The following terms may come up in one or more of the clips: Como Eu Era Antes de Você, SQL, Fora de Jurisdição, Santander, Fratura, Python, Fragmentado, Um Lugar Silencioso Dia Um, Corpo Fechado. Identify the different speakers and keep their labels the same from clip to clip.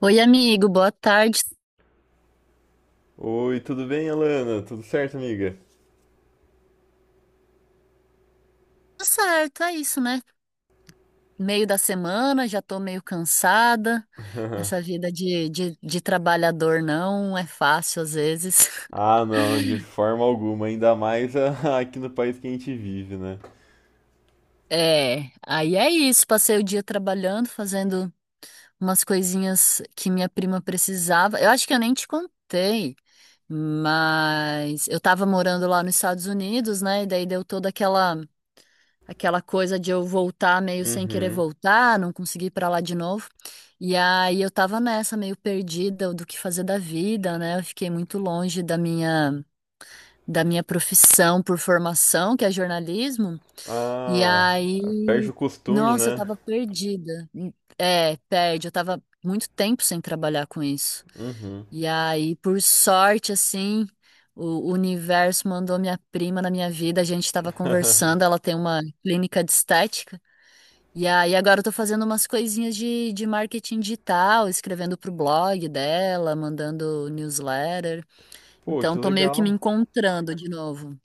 Speaker 1: Oi, amigo, boa tarde.
Speaker 2: Oi, tudo bem, Alana? Tudo certo, amiga?
Speaker 1: Tudo certo, é isso, né? Meio da semana, já tô meio cansada. Essa vida de trabalhador não é fácil às vezes.
Speaker 2: Ah, não, de forma alguma, ainda mais aqui no país que a gente vive, né?
Speaker 1: É, aí é isso. Passei o dia trabalhando, fazendo umas coisinhas que minha prima precisava. Eu acho que eu nem te contei, mas eu tava morando lá nos Estados Unidos, né? E daí deu toda aquela coisa de eu voltar meio sem querer
Speaker 2: Uhum.
Speaker 1: voltar, não conseguir ir pra lá de novo. E aí eu tava nessa, meio perdida do que fazer da vida, né? Eu fiquei muito longe da minha profissão por formação, que é jornalismo. E
Speaker 2: Ah, perde
Speaker 1: aí,
Speaker 2: o costume,
Speaker 1: nossa, eu
Speaker 2: né?
Speaker 1: tava perdida. É, perde. Eu tava muito tempo sem trabalhar com isso.
Speaker 2: Uhum.
Speaker 1: E aí, por sorte, assim, o universo mandou minha prima na minha vida. A gente estava conversando. Ela tem uma clínica de estética. E aí agora eu tô fazendo umas coisinhas de marketing digital, escrevendo pro blog dela, mandando newsletter.
Speaker 2: Pô, que
Speaker 1: Então tô meio que me
Speaker 2: legal,
Speaker 1: encontrando de novo.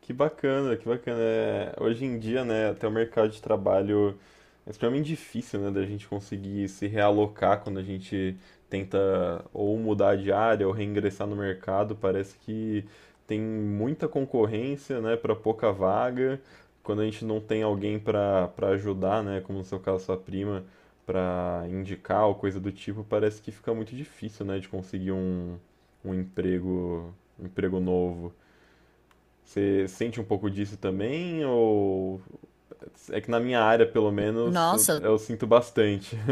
Speaker 2: que bacana, que bacana. É, hoje em dia, né, até o mercado de trabalho. É extremamente difícil, né, da gente conseguir se realocar quando a gente tenta ou mudar de área ou reingressar no mercado. Parece que tem muita concorrência, né, para pouca vaga. Quando a gente não tem alguém para ajudar, né, como no seu caso sua prima, para indicar ou coisa do tipo, parece que fica muito difícil, né, de conseguir um, um emprego, um emprego novo. Você sente um pouco disso também ou é que na minha área, pelo menos,
Speaker 1: Nossa,
Speaker 2: sinto bastante.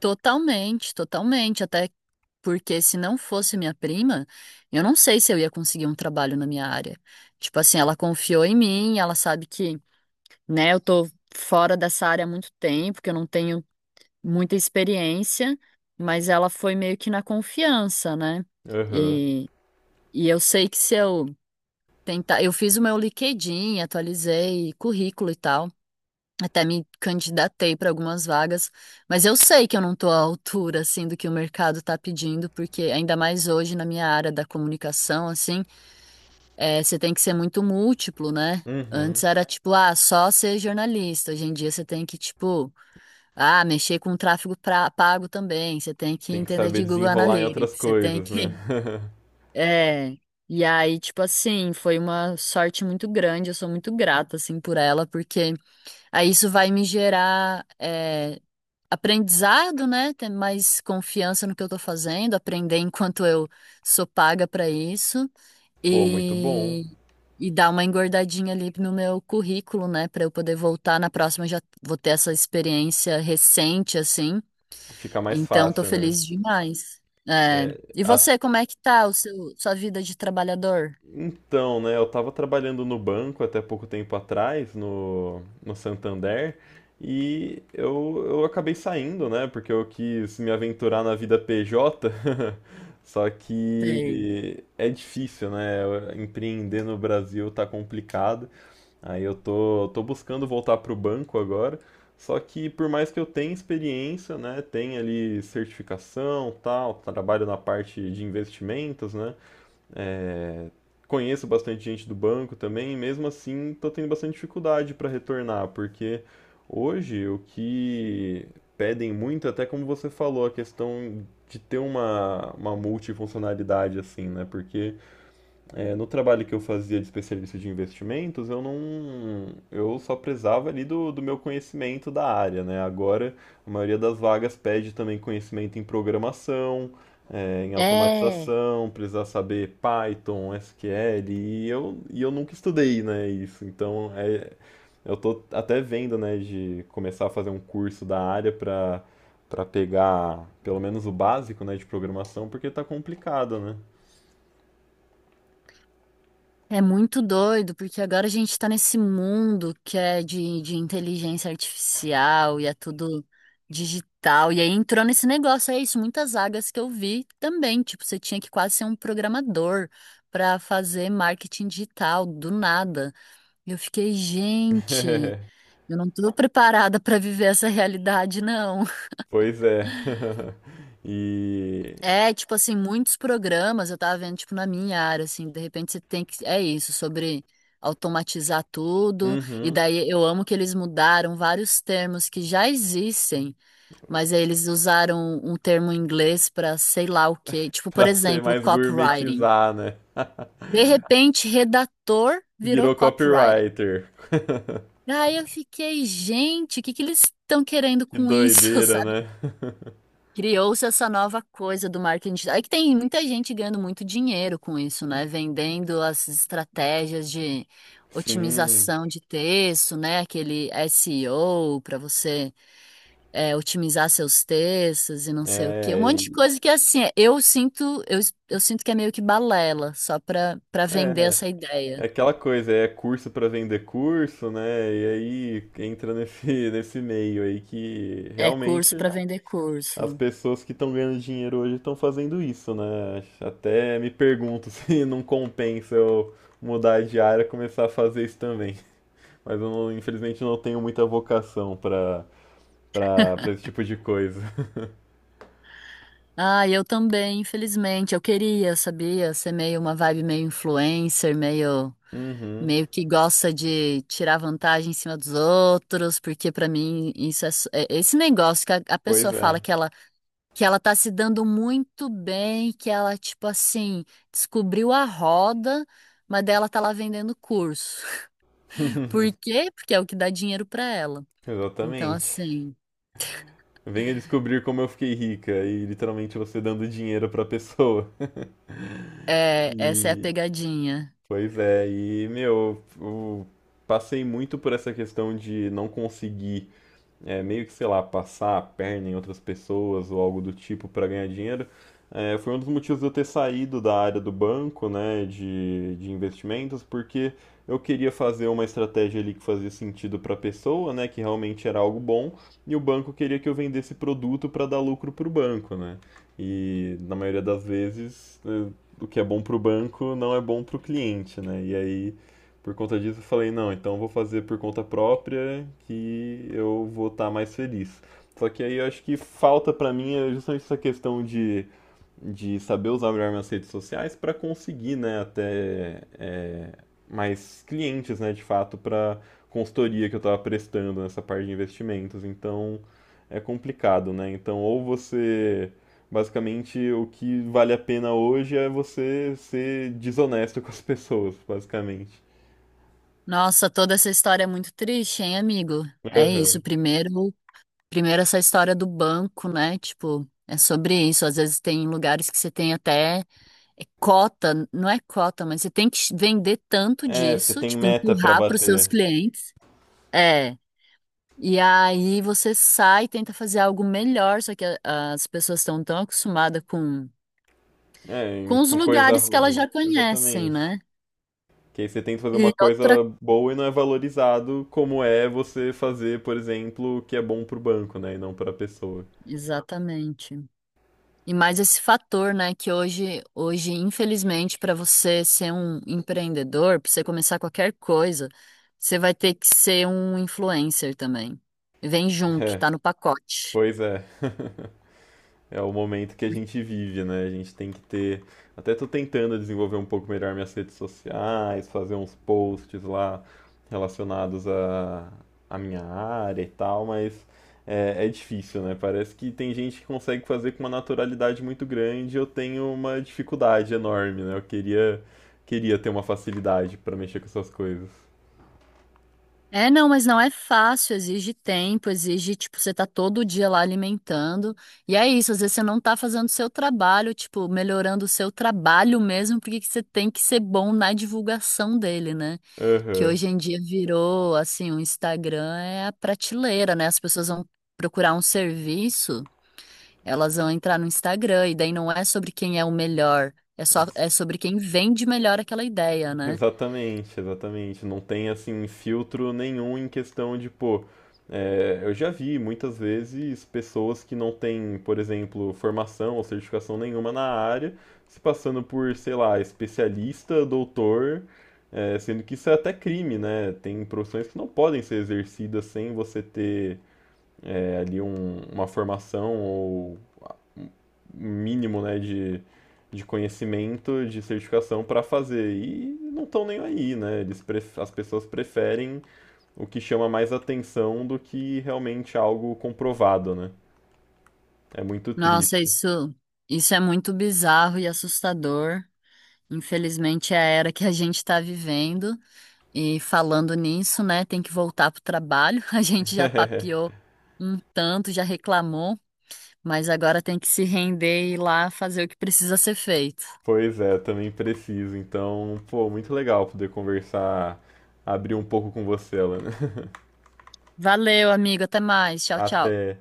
Speaker 1: totalmente, totalmente. Até porque se não fosse minha prima, eu não sei se eu ia conseguir um trabalho na minha área. Tipo assim, ela confiou em mim, ela sabe que, né, eu tô fora dessa área há muito tempo, que eu não tenho muita experiência, mas ela foi meio que na confiança, né?
Speaker 2: Aham.
Speaker 1: E E eu sei que se eu tentar, eu fiz o meu LinkedIn, atualizei currículo e tal, até me candidatei para algumas vagas, mas eu sei que eu não estou à altura assim do que o mercado está pedindo, porque ainda mais hoje na minha área da comunicação, assim, você tem que ser muito múltiplo, né?
Speaker 2: Uhum.
Speaker 1: Antes era tipo, ah, só ser jornalista. Hoje em dia você tem que, tipo, ah, mexer com tráfego pago também. Você tem que
Speaker 2: Tem que
Speaker 1: entender
Speaker 2: saber
Speaker 1: de Google
Speaker 2: desenrolar em outras
Speaker 1: Analytics. Você tem
Speaker 2: coisas, né?
Speaker 1: que é, e aí, tipo assim, foi uma sorte muito grande, eu sou muito grata, assim, por ela, porque aí isso vai me gerar aprendizado, né? Ter mais confiança no que eu tô fazendo, aprender enquanto eu sou paga pra isso
Speaker 2: Pô, muito bom.
Speaker 1: e, e dar uma engordadinha ali no meu currículo, né? Pra eu poder voltar na próxima, já vou ter essa experiência recente, assim
Speaker 2: Fica mais
Speaker 1: então, tô
Speaker 2: fácil, né?
Speaker 1: feliz demais. É.
Speaker 2: É,
Speaker 1: E
Speaker 2: a-
Speaker 1: você, como é que tá sua vida de trabalhador?
Speaker 2: então, né? Eu tava trabalhando no banco até pouco tempo atrás, no Santander, e eu acabei saindo, né? Porque eu quis me aventurar na vida PJ. Só
Speaker 1: Sei.
Speaker 2: que é difícil, né? Empreender no Brasil tá complicado. Aí eu tô, tô buscando voltar para o banco agora, só que por mais que eu tenha experiência, né, tenha ali certificação, tal, trabalho na parte de investimentos, né, conheço bastante gente do banco também, e mesmo assim tô tendo bastante dificuldade para retornar, porque hoje o que pedem muito, até como você falou, a questão de ter uma multifuncionalidade assim, né, porque é, no trabalho que eu fazia de especialista de investimentos, eu não, eu só prezava ali do, do meu conhecimento da área, né? Agora, a maioria das vagas pede também conhecimento em programação, é, em
Speaker 1: É,
Speaker 2: automatização, precisa saber Python, SQL, e eu nunca estudei, né, isso. Então, é, eu tô até vendo, né, de começar a fazer um curso da área para pegar pelo menos o básico, né, de programação, porque tá complicado, né?
Speaker 1: é muito doido, porque agora a gente tá nesse mundo que é de inteligência artificial e é tudo digital. E aí entrou nesse negócio, é isso, muitas vagas que eu vi também. Tipo, você tinha que quase ser um programador pra fazer marketing digital do nada. E eu fiquei, gente, eu não tô preparada pra viver essa realidade, não.
Speaker 2: Pois é. E.
Speaker 1: É, tipo assim, muitos programas eu tava vendo, tipo, na minha área, assim, de repente você tem que. É isso, sobre automatizar tudo. E
Speaker 2: Uhum.
Speaker 1: daí eu amo que eles mudaram vários termos que já existem, mas aí eles usaram um termo em inglês pra sei lá o quê. Tipo, por
Speaker 2: Pra ser
Speaker 1: exemplo,
Speaker 2: mais
Speaker 1: copywriting.
Speaker 2: gourmetizar, né?
Speaker 1: De repente, redator virou
Speaker 2: Virou
Speaker 1: copywriting.
Speaker 2: copywriter.
Speaker 1: Aí eu fiquei, gente, o que que eles estão querendo
Speaker 2: Que
Speaker 1: com isso,
Speaker 2: doideira,
Speaker 1: sabe?
Speaker 2: né?
Speaker 1: Criou-se essa nova coisa do marketing digital. É que tem muita gente ganhando muito dinheiro com isso, né? Vendendo as estratégias de
Speaker 2: Sim,
Speaker 1: otimização de texto, né? Aquele SEO para você otimizar seus textos e não sei o quê. Um
Speaker 2: é,
Speaker 1: monte de coisa que assim, eu sinto, eu sinto que é meio que balela, só para vender
Speaker 2: é,
Speaker 1: essa
Speaker 2: é
Speaker 1: ideia.
Speaker 2: aquela coisa, é curso pra vender curso, né? E aí entra nesse, nesse meio aí que
Speaker 1: É
Speaker 2: realmente
Speaker 1: curso para vender
Speaker 2: as
Speaker 1: curso.
Speaker 2: pessoas que estão ganhando dinheiro hoje estão fazendo isso, né? Até me pergunto se não compensa eu mudar de área e começar a fazer isso também. Mas eu não- infelizmente eu não tenho muita vocação para esse tipo de coisa.
Speaker 1: Ah, eu também, infelizmente. Eu queria, sabia, ser meio uma vibe meio influencer, meio
Speaker 2: Uhum.
Speaker 1: meio que gosta de tirar vantagem em cima dos outros, porque pra mim isso é, esse negócio que a
Speaker 2: Pois
Speaker 1: pessoa
Speaker 2: é.
Speaker 1: fala que ela tá se dando muito bem, que ela tipo assim, descobriu a roda, mas dela tá lá vendendo curso. Por quê? Porque é o que dá dinheiro pra ela. Então
Speaker 2: Exatamente.
Speaker 1: assim,
Speaker 2: Venha descobrir como eu fiquei rica e literalmente você dando dinheiro pra pessoa.
Speaker 1: é, essa é a
Speaker 2: E
Speaker 1: pegadinha.
Speaker 2: pois é, eu passei muito por essa questão de não conseguir é, meio que, sei lá, passar a perna em outras pessoas ou algo do tipo para ganhar dinheiro, é, foi um dos motivos de eu ter saído da área do banco, né, de investimentos, porque eu queria fazer uma estratégia ali que fazia sentido para a pessoa, né, que realmente era algo bom, e o banco queria que eu vendesse produto para dar lucro para o banco, né? E na maioria das vezes, o que é bom para o banco não é bom para o cliente, né? E aí por conta disso, eu falei, não, então eu vou fazer por conta própria que eu vou estar mais feliz. Só que aí eu acho que falta pra mim é justamente essa questão de saber usar melhor minhas redes sociais pra conseguir, né, até é, mais clientes, né, de fato, pra consultoria que eu tava prestando nessa parte de investimentos. Então é complicado, né? Então ou você basicamente o que vale a pena hoje é você ser desonesto com as pessoas, basicamente.
Speaker 1: Nossa, toda essa história é muito triste, hein, amigo? É
Speaker 2: Aham.
Speaker 1: isso, primeiro, essa história do banco, né? Tipo, é sobre isso. Às vezes tem lugares que você tem até cota, não é cota, mas você tem que vender tanto
Speaker 2: É, você
Speaker 1: disso,
Speaker 2: tem
Speaker 1: tipo,
Speaker 2: meta pra
Speaker 1: empurrar para os seus
Speaker 2: bater.
Speaker 1: clientes. É. E aí você sai e tenta fazer algo melhor, só que as pessoas estão tão acostumadas
Speaker 2: É,
Speaker 1: com os
Speaker 2: com coisa
Speaker 1: lugares que elas
Speaker 2: ruim.
Speaker 1: já conhecem,
Speaker 2: Exatamente.
Speaker 1: né?
Speaker 2: Que aí você tenta fazer
Speaker 1: E
Speaker 2: uma coisa
Speaker 1: outra.
Speaker 2: boa e não é valorizado como é você fazer, por exemplo, o que é bom pro banco, né? E não pra pessoa.
Speaker 1: Exatamente. E mais esse fator, né, que hoje, infelizmente, para você ser um empreendedor, para você começar qualquer coisa, você vai ter que ser um influencer também. Vem junto,
Speaker 2: É,
Speaker 1: tá no pacote.
Speaker 2: pois é. É o momento que a gente vive, né? A gente tem que ter. Até tô tentando desenvolver um pouco melhor minhas redes sociais, fazer uns posts lá relacionados à à minha área e tal, mas. É, é difícil, né? Parece que tem gente que consegue fazer com uma naturalidade muito grande, eu tenho uma dificuldade enorme, né? Eu queria, queria ter uma facilidade pra mexer com essas coisas.
Speaker 1: É, não, mas não é fácil, exige tempo, exige, tipo, você tá todo dia lá alimentando. E é isso, às vezes você não tá fazendo o seu trabalho, tipo, melhorando o seu trabalho mesmo, porque que você tem que ser bom na divulgação dele, né? Que
Speaker 2: Aham.
Speaker 1: hoje em dia virou assim, o Instagram é a prateleira, né? As pessoas vão procurar um serviço, elas vão entrar no Instagram e daí não é sobre quem é o melhor, é só é sobre quem vende melhor aquela ideia, né?
Speaker 2: Exatamente, exatamente. Não tem assim filtro nenhum em questão de, pô, é, eu já vi muitas vezes pessoas que não têm, por exemplo, formação ou certificação nenhuma na área, se passando por, sei lá, especialista, doutor, é, sendo que isso é até crime, né? Tem profissões que não podem ser exercidas sem você ter é, ali uma formação ou mínimo, né, de conhecimento, de certificação para fazer. E não estão nem aí, né? As pessoas preferem o que chama mais atenção do que realmente algo comprovado, né? É muito
Speaker 1: Nossa,
Speaker 2: triste.
Speaker 1: isso é muito bizarro e assustador. Infelizmente é a era que a gente está vivendo e falando nisso, né, tem que voltar pro trabalho. A gente já papeou um tanto, já reclamou. Mas agora tem que se render e ir lá fazer o que precisa ser feito.
Speaker 2: Pois é, também preciso. Então, pô, muito legal poder conversar, abrir um pouco com você, Alan.
Speaker 1: Valeu, amigo. Até mais. Tchau, tchau.
Speaker 2: Até.